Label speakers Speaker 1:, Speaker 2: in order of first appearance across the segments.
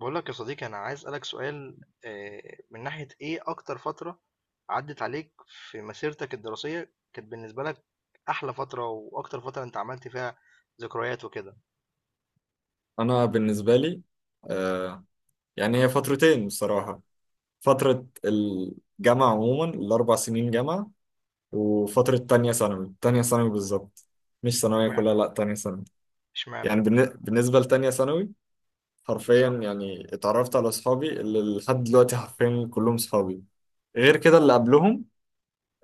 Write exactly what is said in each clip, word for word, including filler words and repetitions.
Speaker 1: بقول لك يا صديقي، انا عايز اسالك سؤال، آه، من ناحيه ايه اكتر فتره عدت عليك في مسيرتك الدراسيه كانت بالنسبه لك احلى فتره، واكتر فتره انت عملت فيها ذكريات وكده؟
Speaker 2: انا بالنسبه لي آه يعني هي فترتين بصراحه. فتره الجامعه عموما الاربع سنين جامعه، وفتره تانية ثانوي تانية ثانوي بالظبط. مش ثانويه
Speaker 1: اشمعنى
Speaker 2: كلها، لا تانية ثانوي.
Speaker 1: اشمعنى
Speaker 2: يعني بالن- بالنسبه لتانية ثانوي، حرفيا يعني اتعرفت على اصحابي اللي لحد دلوقتي حرفيا كلهم صحابي. غير كده، اللي قبلهم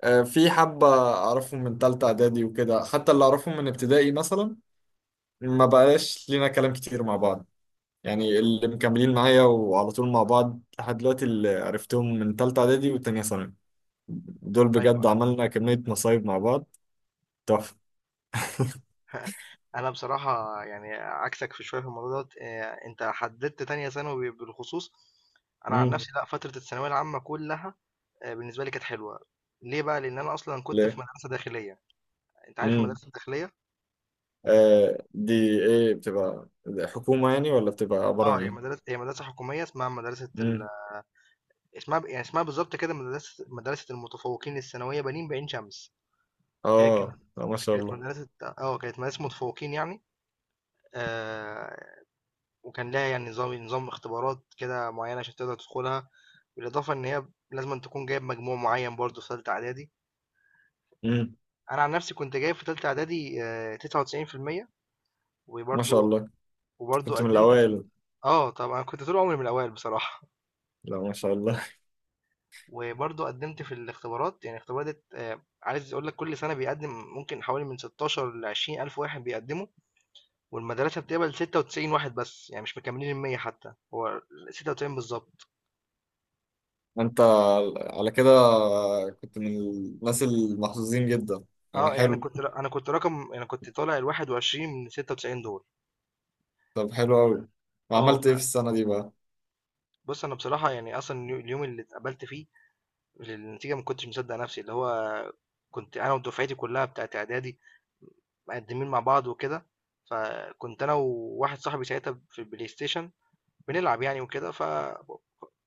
Speaker 2: آه، في حبة أعرفهم من تالتة إعدادي وكده، حتى اللي أعرفهم من ابتدائي مثلا ما بقاش لينا كلام كتير مع بعض. يعني اللي مكملين معايا وعلى طول مع بعض لحد دلوقتي، اللي عرفتهم من تالتة إعدادي وتانية ثانوي، دول
Speaker 1: ايوه.
Speaker 2: بجد عملنا كمية مصايب مع بعض تحفة.
Speaker 1: انا بصراحه يعني عكسك في شويه في الموضوع دوت، آه، انت حددت تانية ثانوي بالخصوص. انا عن
Speaker 2: مم.
Speaker 1: نفسي لا، فتره الثانويه العامه كلها، آه، بالنسبه لي كانت حلوه. ليه بقى؟ لان انا اصلا كنت في
Speaker 2: ليه؟
Speaker 1: مدرسه داخليه. انت عارف
Speaker 2: مم.
Speaker 1: المدرسه الداخليه؟
Speaker 2: آه دي، إيه بتبقى حكومة يعني، ولا بتبقى عبارة
Speaker 1: اه،
Speaker 2: عن
Speaker 1: هي
Speaker 2: إيه؟
Speaker 1: مدرسه هي مدرسه حكوميه، اسمها مدرسه،
Speaker 2: مم.
Speaker 1: اسمها ب يعني اسمها بالضبط كده مدرسة مدرسة المتفوقين الثانوية بنين بعين شمس، هي
Speaker 2: آه،
Speaker 1: كانت
Speaker 2: لا ما شاء
Speaker 1: كانت
Speaker 2: الله.
Speaker 1: مدرسة، آه، كانت مدرسة متفوقين يعني، آآ وكان ليها يعني نظام نظام اختبارات كده معيّنة عشان تقدر تدخلها، بالإضافة إن هي لازمًا تكون جايب مجموع معيّن برضه في تالتة إعدادي.
Speaker 2: مم.
Speaker 1: أنا عن نفسي كنت جايب في تالتة إعدادي آآ تسعة وتسعين بالمية،
Speaker 2: ما شاء
Speaker 1: وبرضه
Speaker 2: الله،
Speaker 1: وبرضه
Speaker 2: كنت من
Speaker 1: قدّمت في،
Speaker 2: الأوائل.
Speaker 1: آه، طبعًا أنا كنت طول عمري من الأوائل بصراحة.
Speaker 2: لا ما شاء الله.
Speaker 1: وبرضه قدمت في الاختبارات، يعني اختبارات آه، عايز اقول لك كل سنه بيقدم ممكن حوالي من ستاشر ل عشرين الف واحد بيقدموا، والمدرسه بتقبل ستة وتسعين واحد بس، يعني مش مكملين ال مئة حتى، هو ستة وتسعين بالظبط.
Speaker 2: أنت على كده كنت من الناس المحظوظين جدا، يعني
Speaker 1: اه، يعني انا
Speaker 2: حلو.
Speaker 1: كنت انا كنت رقم انا كنت طالع ال واحد وعشرين من ستة وتسعين دول.
Speaker 2: طب حلو أوي.
Speaker 1: اه
Speaker 2: وعملت
Speaker 1: ف-
Speaker 2: إيه في السنة دي بقى؟
Speaker 1: بص، انا بصراحه يعني اصلا اليو- اليوم اللي اتقبلت فيه للنتيجه، ما كنتش مصدق نفسي، اللي هو كنت انا ودفعتي كلها بتاعت اعدادي مقدمين مع بعض وكده. فكنت انا وواحد صاحبي ساعتها في البلاي ستيشن بنلعب يعني وكده،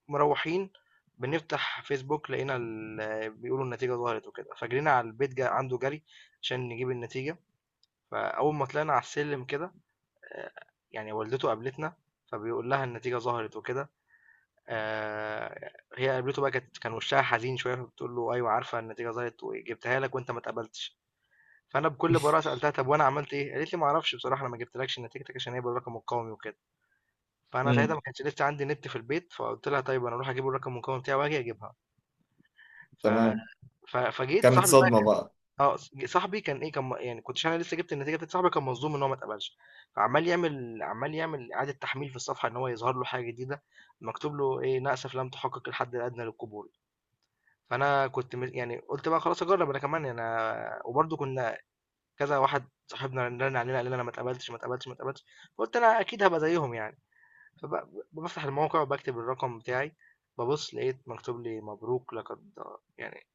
Speaker 1: فمروّحين، بنفتح فيسبوك لقينا ال آه، بيقولوا النتيجة ظهرت وكده، فجرينا على البيت ج عنده جري عشان نجيب النتيجة. فأول ما طلعنا على السلم كده، آآ يعني والدته قابلتنا، فبيقول لها النتيجة ظهرت وكده، آآ هي قابلته بقى، كانت كان وشّها حزين شوية، فبتقول له: "أيوه، عارفة النتيجة ظهرت وجبتها لك وأنت ما اتقبلتش." فأنا بكل براءة سألتها: "طب وأنا عملت إيه؟" قالت لي: "ما أعرفش بصراحة، أنا ما جبتلكش نتيجتك عشان هي بالرقم القومي وكده." فأنا ساعتها
Speaker 2: مم.
Speaker 1: ما كانش لسه عندي نت في البيت، فقُلت لها طيب أنا أروح أجيب الرقم المكوّن بتاعي وآجي أجيبها. ف
Speaker 2: تمام.
Speaker 1: ف فجيت
Speaker 2: كانت
Speaker 1: صاحبي بقى،
Speaker 2: صدمة
Speaker 1: كان
Speaker 2: بقى.
Speaker 1: آه، ص صاحبي كان إيه، كان م يعني كنتش أنا لسه جِبت النتيجة، بتاعة صاحبي كان مصدوم إن هو ما اتقبلش، فعمّال يعمل عمّال يعمل إعادة تحميل في الصفحة إن هو يظهر له حاجة جديدة، مكتوب له إيه، "للأسف لم تحقق الحد الأدنى للقبول." فأنا كنت م يعني قُلت بقى خلاص أجرّب أنا كمان يعني، أنا وبرضه كنا كذا واحد صاحبنا رَن علينا قال لنا أنا ما اتقبلتش، ما اتقبلتش، ما اتقبلتش، فقُلت أنا أكيد هابقى زيّهم يعني. فب بافتح الموقع وباكتب الرقم بتاعي، بابُص لقيت مكتوب لي "مبروك، لقد يعني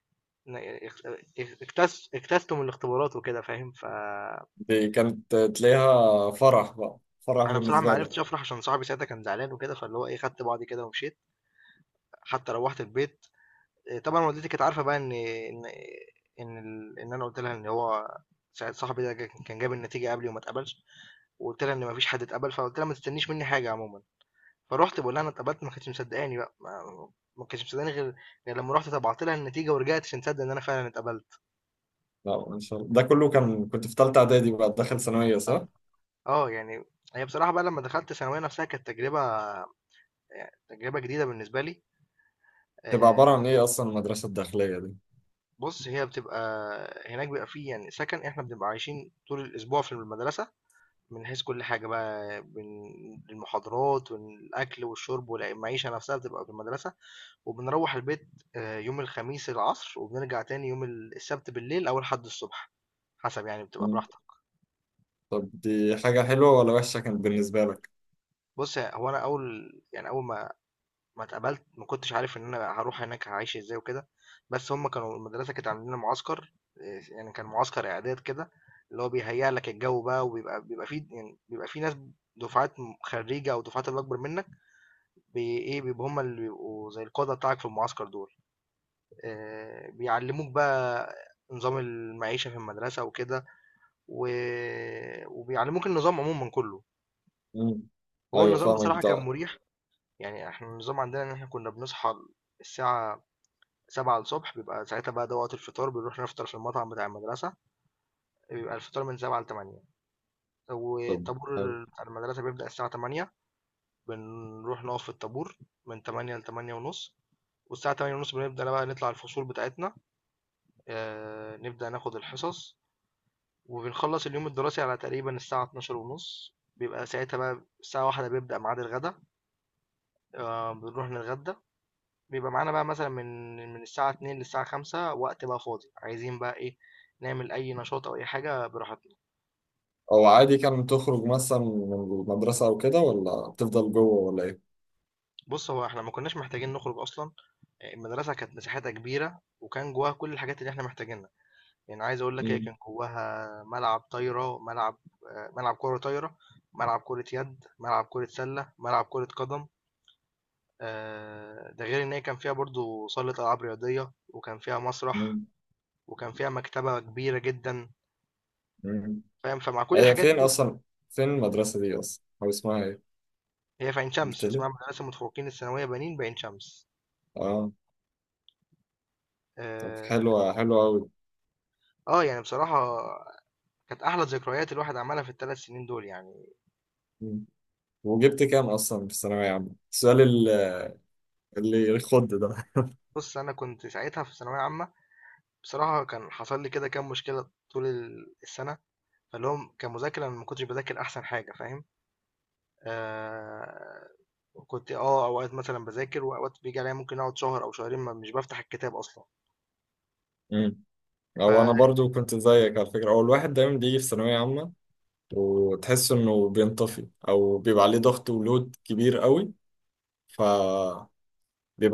Speaker 1: ن اخت اك اكتس اجتزتم الاختبارات" وكده فاهم، فأنا
Speaker 2: دي كانت تلاقيها فرح بقى، فرح
Speaker 1: بصراحة ما
Speaker 2: بالنسبة
Speaker 1: عرفتش
Speaker 2: لك.
Speaker 1: أفرح، عشان صاحبي ساعتها كان زعلان وكده، فاللي هو إيه خدت بعضي كده ومشيت، حتى روّحت البيت. آآ، طبعًا والدتي كانت عارفة بقى إن، إن إن ال إن أنا قُلت لها إن هو ساعة صاحبي ده ج كان جاب النتيجة قبلي وما اتقبلش، وقُلت لها إن ما فيش حد اتقبل، فقُلت لها ما تستنيش منّي حاجة عمومًا. فرُحت باقول لها أنا اتقبلت، ما كانتش مصدقاني بقى، ما ما كانتش مصدقاني غير غير لمّا رُحت طبعت لها النتيجة ورجعت عشان تصدق إن أنا فعلًا اتقبلت.
Speaker 2: لا ما شاء الله، ده كله كان كنت في تالتة إعدادي بقى، داخل ثانوية، صح؟
Speaker 1: آه، آه، يعني هي بصراحة بقى لمّا دخلت الثانوية نفسها كانت تجربة، يعني تجربة جديدة بالنسبة لي.
Speaker 2: تبقى
Speaker 1: آآ
Speaker 2: عبارة عن إيه أصلا المدرسة الداخلية دي؟
Speaker 1: بُص، هي بتبقى هناك، بيبقى في يعني سكن، إحنا بنبقى عايشين طول الأسبوع في المدرسة، من حيث كل حاجة بقى، من المحاضرات والأكل والشرب والع المعيشة نفسها بتبقى في المدرسة. وبنروّح البيت آآ يوم الخميس العصر، وبنرجع تاني يوم ال السبت بالليل أو الحد الصبح، حسب يعني، بتبقى
Speaker 2: مم.
Speaker 1: براحتك.
Speaker 2: طب دي حاجة حلوة ولا وحشة كانت بالنسبة لك؟
Speaker 1: بُص، ه هو أنا أول يعني، أول ما ما اتقبلت ما كنتش عارف إن أنا هاروح هناك هاعيش إزاي وكده، بس هُم كانوا المدرسة كانت عاملة لنا معسكر، آآ يعني كان معسكر إعداد كده، اللي هو بيهيّأ لك الجو بقى، وبيبقى بيبقى في يعني بيبقى في ناس، دُفعات م خرّيجة أو دُفعات اللي أكبر منك، بي إيه، بيبقوا هُم اللي بيبقوا زي القادة بتاعك في المعسكر دول. آآ بيعلّموك بقى نظام المعيشة في المدرسة وكده، و وبيعلّموك النظام عمومًا كُلّه.
Speaker 2: مم.
Speaker 1: هو
Speaker 2: أيوة
Speaker 1: النظام
Speaker 2: فاهمك
Speaker 1: بصراحة كان
Speaker 2: ده.
Speaker 1: مُريح، يعني إحنا النظام عندنا إن إحنا كُنّا بنصحى الساعة سبعة، بيبقى ساعتها بقى ده وقت الفطار، بنروح نفطر في المطعم بتاع المدرسة، بيبقى الفطار من سبعة ل08:00،
Speaker 2: طب حلو،
Speaker 1: والطابور بتاع المدرسة بيبدأ الساعة تمانية، بنروح نقف في الطابور من تمانية ل08:30، والساعة تمانية وتلاتين بنبدأ بقى نطلع الفصول بتاعتنا، آآ نبدأ ناخد الحصص. وبنخلص اليوم الدراسي على تقريبا الساعة اتناشر ونص، بيبقى ساعتها بقى الساعة واحدة بيبدأ ميعاد الغدا، آه بنروح نتغدى، بيبقى معانا بقى مثلا من من الساعة اتنين للساعة خمسة وقت بقى فاضي، عايزين بقى ايه نعمل أي نشاط أو أي حاجة براحتنا.
Speaker 2: أو عادي كان تخرج مثلا من المدرسة أو كده، ولا بتفضل جوه، ولا إيه؟
Speaker 1: بص، هو احنا ما كناش محتاجين نخرج أصلا، آه، المدرسة كانت مساحتها كبيرة وكان جواها كل الحاجات اللي احنا محتاجينها، يعني عايز أقول لك هي كان
Speaker 2: مم.
Speaker 1: جواها ملعب طايرة، ملعب آه، ملعب كرة طايرة، ملعب كرة يد، ملعب كرة سلة، ملعب كرة قدم، آه، ده غير ان هي كان فيها برضو صالة العاب رياضية، وكان فيها مسرح،
Speaker 2: مم.
Speaker 1: وكان فيها مكتبة كبيرة جدا،
Speaker 2: مم.
Speaker 1: فاهم، فمع كل
Speaker 2: هي
Speaker 1: الحاجات
Speaker 2: فين
Speaker 1: دي،
Speaker 2: أصلا؟ فين المدرسة دي أصلا؟ أو اسمها إيه؟
Speaker 1: هي في عين شمس
Speaker 2: قلت لي؟
Speaker 1: اسمها مدرسة المتفوقين الثانوية بنين بعين شمس.
Speaker 2: آه. طب
Speaker 1: اه.
Speaker 2: حلوة حلوة أوي.
Speaker 1: آه، يعني بصراحة كانت احلى ذكريات الواحد عملها في الثلاث سنين دول يعني.
Speaker 2: مم. وجبت كام أصلا في الثانوية عامة؟ السؤال ال- اللي يخض ده.
Speaker 1: بص، انا كنت ساعتها في ثانوية عامة، بصراحة كان حصل لي كده كام مشكلة طول ال- السنة، فاللي هم كمذاكرة، أنا ما كنتش بذاكر احسن حاجة، فاهم. آه، كنت اه اوقات مثلا بذاكر، واوقات بيجي عليا ممكن اقعد شهر او شهرين ما مش بفتح الكتاب اصلا،
Speaker 2: مم. أو أنا
Speaker 1: فبالظبط.
Speaker 2: برضو كنت زيك على فكرة، هو الواحد دايما بيجي في ثانوية عامة وتحس إنه بينطفي، أو بيبقى عليه ضغط ولود كبير أوي، فبيبقى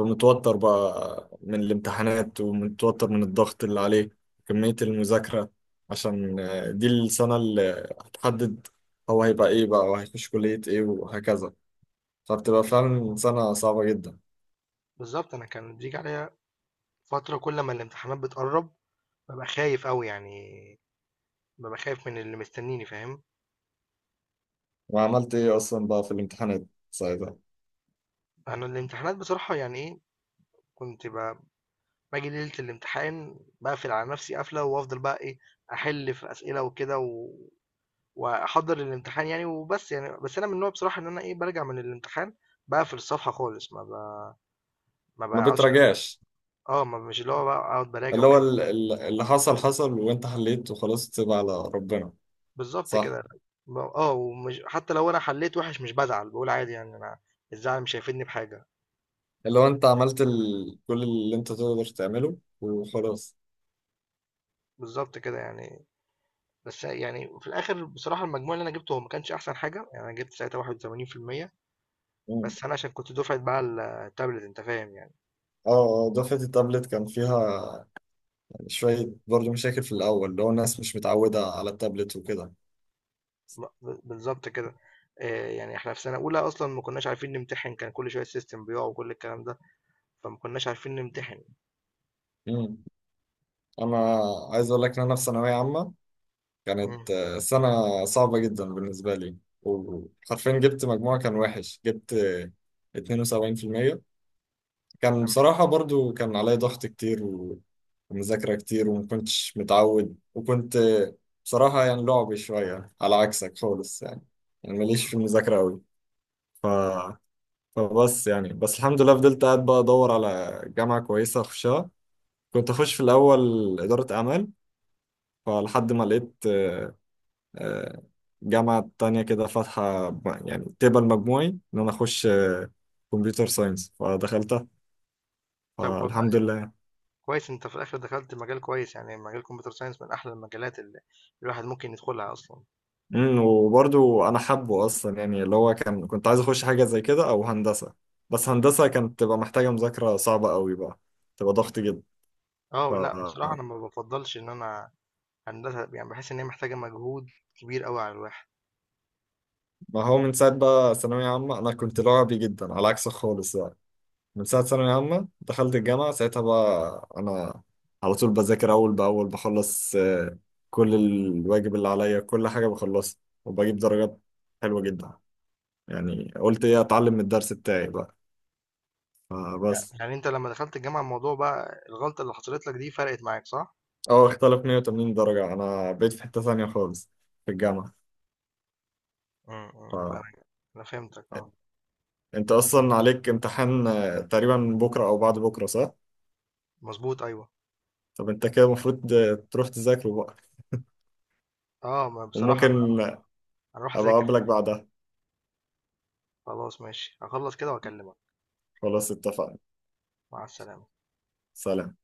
Speaker 2: متوتر بقى من الامتحانات، ومتوتر من الضغط اللي عليه، كمية المذاكرة، عشان آه، دي السنة اللي هتحدد هو هيبقى إيه بقى، وهيخش كلية إيه، وهكذا. فبتبقى فعلا سنة صعبة جدا.
Speaker 1: انا كان بيجي عليا فتره كل ما الامتحانات بتقرب ببقى خايف قوي يعني، ببقى خايف من اللي مستنيني، فاهم.
Speaker 2: وعملت ايه اصلا بقى في الامتحانات ساعتها؟
Speaker 1: انا الامتحانات بصراحه يعني ايه كنت ب- باجي ليله الامتحان بقفل على نفسي قفله، وافضل بقى ايه احل في اسئله وكده، و... واحضر الامتحان يعني وبس. يعني بس انا من النوع بصراحه ان انا ايه برجع من الامتحان بقفل الصفحه خالص، ما ب... ما
Speaker 2: ما
Speaker 1: بقعدش،
Speaker 2: بتراجعش؟
Speaker 1: آه، ما مش اللي هو بقى أقعد باراجع
Speaker 2: اللي هو
Speaker 1: وكده.
Speaker 2: ال- ال- اللي حصل حصل، وانت حليت وخلاص، تسيب على ربنا.
Speaker 1: بالضبط
Speaker 2: صح،
Speaker 1: كده. ب آه، ومش، حتى لو أنا حليت وِحِش مش بازعل، باقول عادي يعني، أنا الزعل مش هيفيدني بحاجة.
Speaker 2: اللي هو انت عملت ال... كل اللي انت تقدر تعمله وخلاص.
Speaker 1: بالضبط كده يعني. بس يعني في الآخر بصراحة المجموع اللي أنا جِبته هو ما كانش أحسن حاجة، يعني أنا جِبت ساعتها واحد وتمانين بالمية،
Speaker 2: مم.
Speaker 1: بس أنا عشان كنت دُفعة بقى ال التابلت، أنت فاهم يعني،
Speaker 2: اه. آه، دفعة التابلت كان فيها شوية برضه مشاكل في الأول، اللي هو الناس مش متعودة على التابلت وكده.
Speaker 1: ب ب بالضبط كده، آآ، يعني إحنا في سَنة أولى أصلًا ما كناش عارفين نمتحن، كان كل شوية السيستم بيُقع وكل الكلام ده، فما كناش عارفين نمتحن.
Speaker 2: مم. أنا عايز أقول لك إن أنا في ثانوية عامة
Speaker 1: إمم.
Speaker 2: كانت آه، سنة صعبة جدا بالنسبة لي، وحرفيا جبت مجموعة كان وحش، جبت آه، اتنين وسبعين بالمية. كان
Speaker 1: تمام.
Speaker 2: بصراحة برضو كان عليا ضغط كتير، و- ومذاكرة كتير، وما كنتش متعود، وكنت آه، بصراحة يعني لعبي شوية على عكسك خالص، يعني يعني ماليش في
Speaker 1: اهم.
Speaker 2: المذاكرة أوي. ف... فبس، يعني بس الحمد لله فضلت قاعد بقى أدور على جامعة كويسة أخشها. كنت أخش في الأول إدارة أعمال، فلحد ما لقيت آه، آه، جامعة تانية كده فاتحة، م- يعني تقبل مجموعي، إن أنا أخش كمبيوتر ساينس فدخلتها،
Speaker 1: طَب والله
Speaker 2: فالحمد لله.
Speaker 1: كويس، انت في الاخر دخلت مجال كويس، يعني مجال الكمبيوتر ساينس من احلى المجالات اللي الواحد ممكن يدخلها اصلا.
Speaker 2: امم وبرضو أنا حابه أصلا، يعني اللي هو كان كنت عايز أخش حاجة زي كده أو هندسة، بس هندسة كانت تبقى محتاجة مذاكرة صعبة قوي بقى، تبقى ضغط جدا. ف
Speaker 1: اه، لا، بصراحه انا ما بفضلش ان انا هندسه يعني، بحس ان هي محتاجه مجهود كبير قوي على الواحد.
Speaker 2: ما هو من ساعة بقى ثانوية عامة أنا كنت لعبي جدا على عكسك خالص. من ساعة ثانوية عامة دخلت الجامعة، ساعتها بقى أنا على طول بذاكر أول بأول، بخلص آه، كل الواجب اللي عليا، كل حاجة بخلصها وبجيب درجات حلوة جدا. يعني قلت إيه أتعلم من الدرس بتاعي بقى،
Speaker 1: يعني،
Speaker 2: فبس
Speaker 1: يعني انت لما دخلت الجامعه الموضوع بقى، الغلطه اللي حصلت لك دي فرقت معاك صح؟
Speaker 2: أه اختلف مية وتمانين درجة، أنا بقيت في حتة ثانية خالص في الجامعة.
Speaker 1: امم، امم،
Speaker 2: فأنت
Speaker 1: انا انا فهمتك. اه.
Speaker 2: أصلا عليك امتحان آه، تقريبا بكرة أو بعد بكرة، صح؟
Speaker 1: مظبوط، ايوه.
Speaker 2: طب أنت كده المفروض آه، تروح تذاكره بقى،
Speaker 1: اه، ما بصراحه انا
Speaker 2: وممكن
Speaker 1: هروح
Speaker 2: أبقى
Speaker 1: أنا هروح اذاكر
Speaker 2: أقابلك
Speaker 1: فعلا.
Speaker 2: بعدها.
Speaker 1: خلاص ماشي، هخلص كده واكلمك.
Speaker 2: خلاص اتفقنا.
Speaker 1: مع السلامه.
Speaker 2: سلام.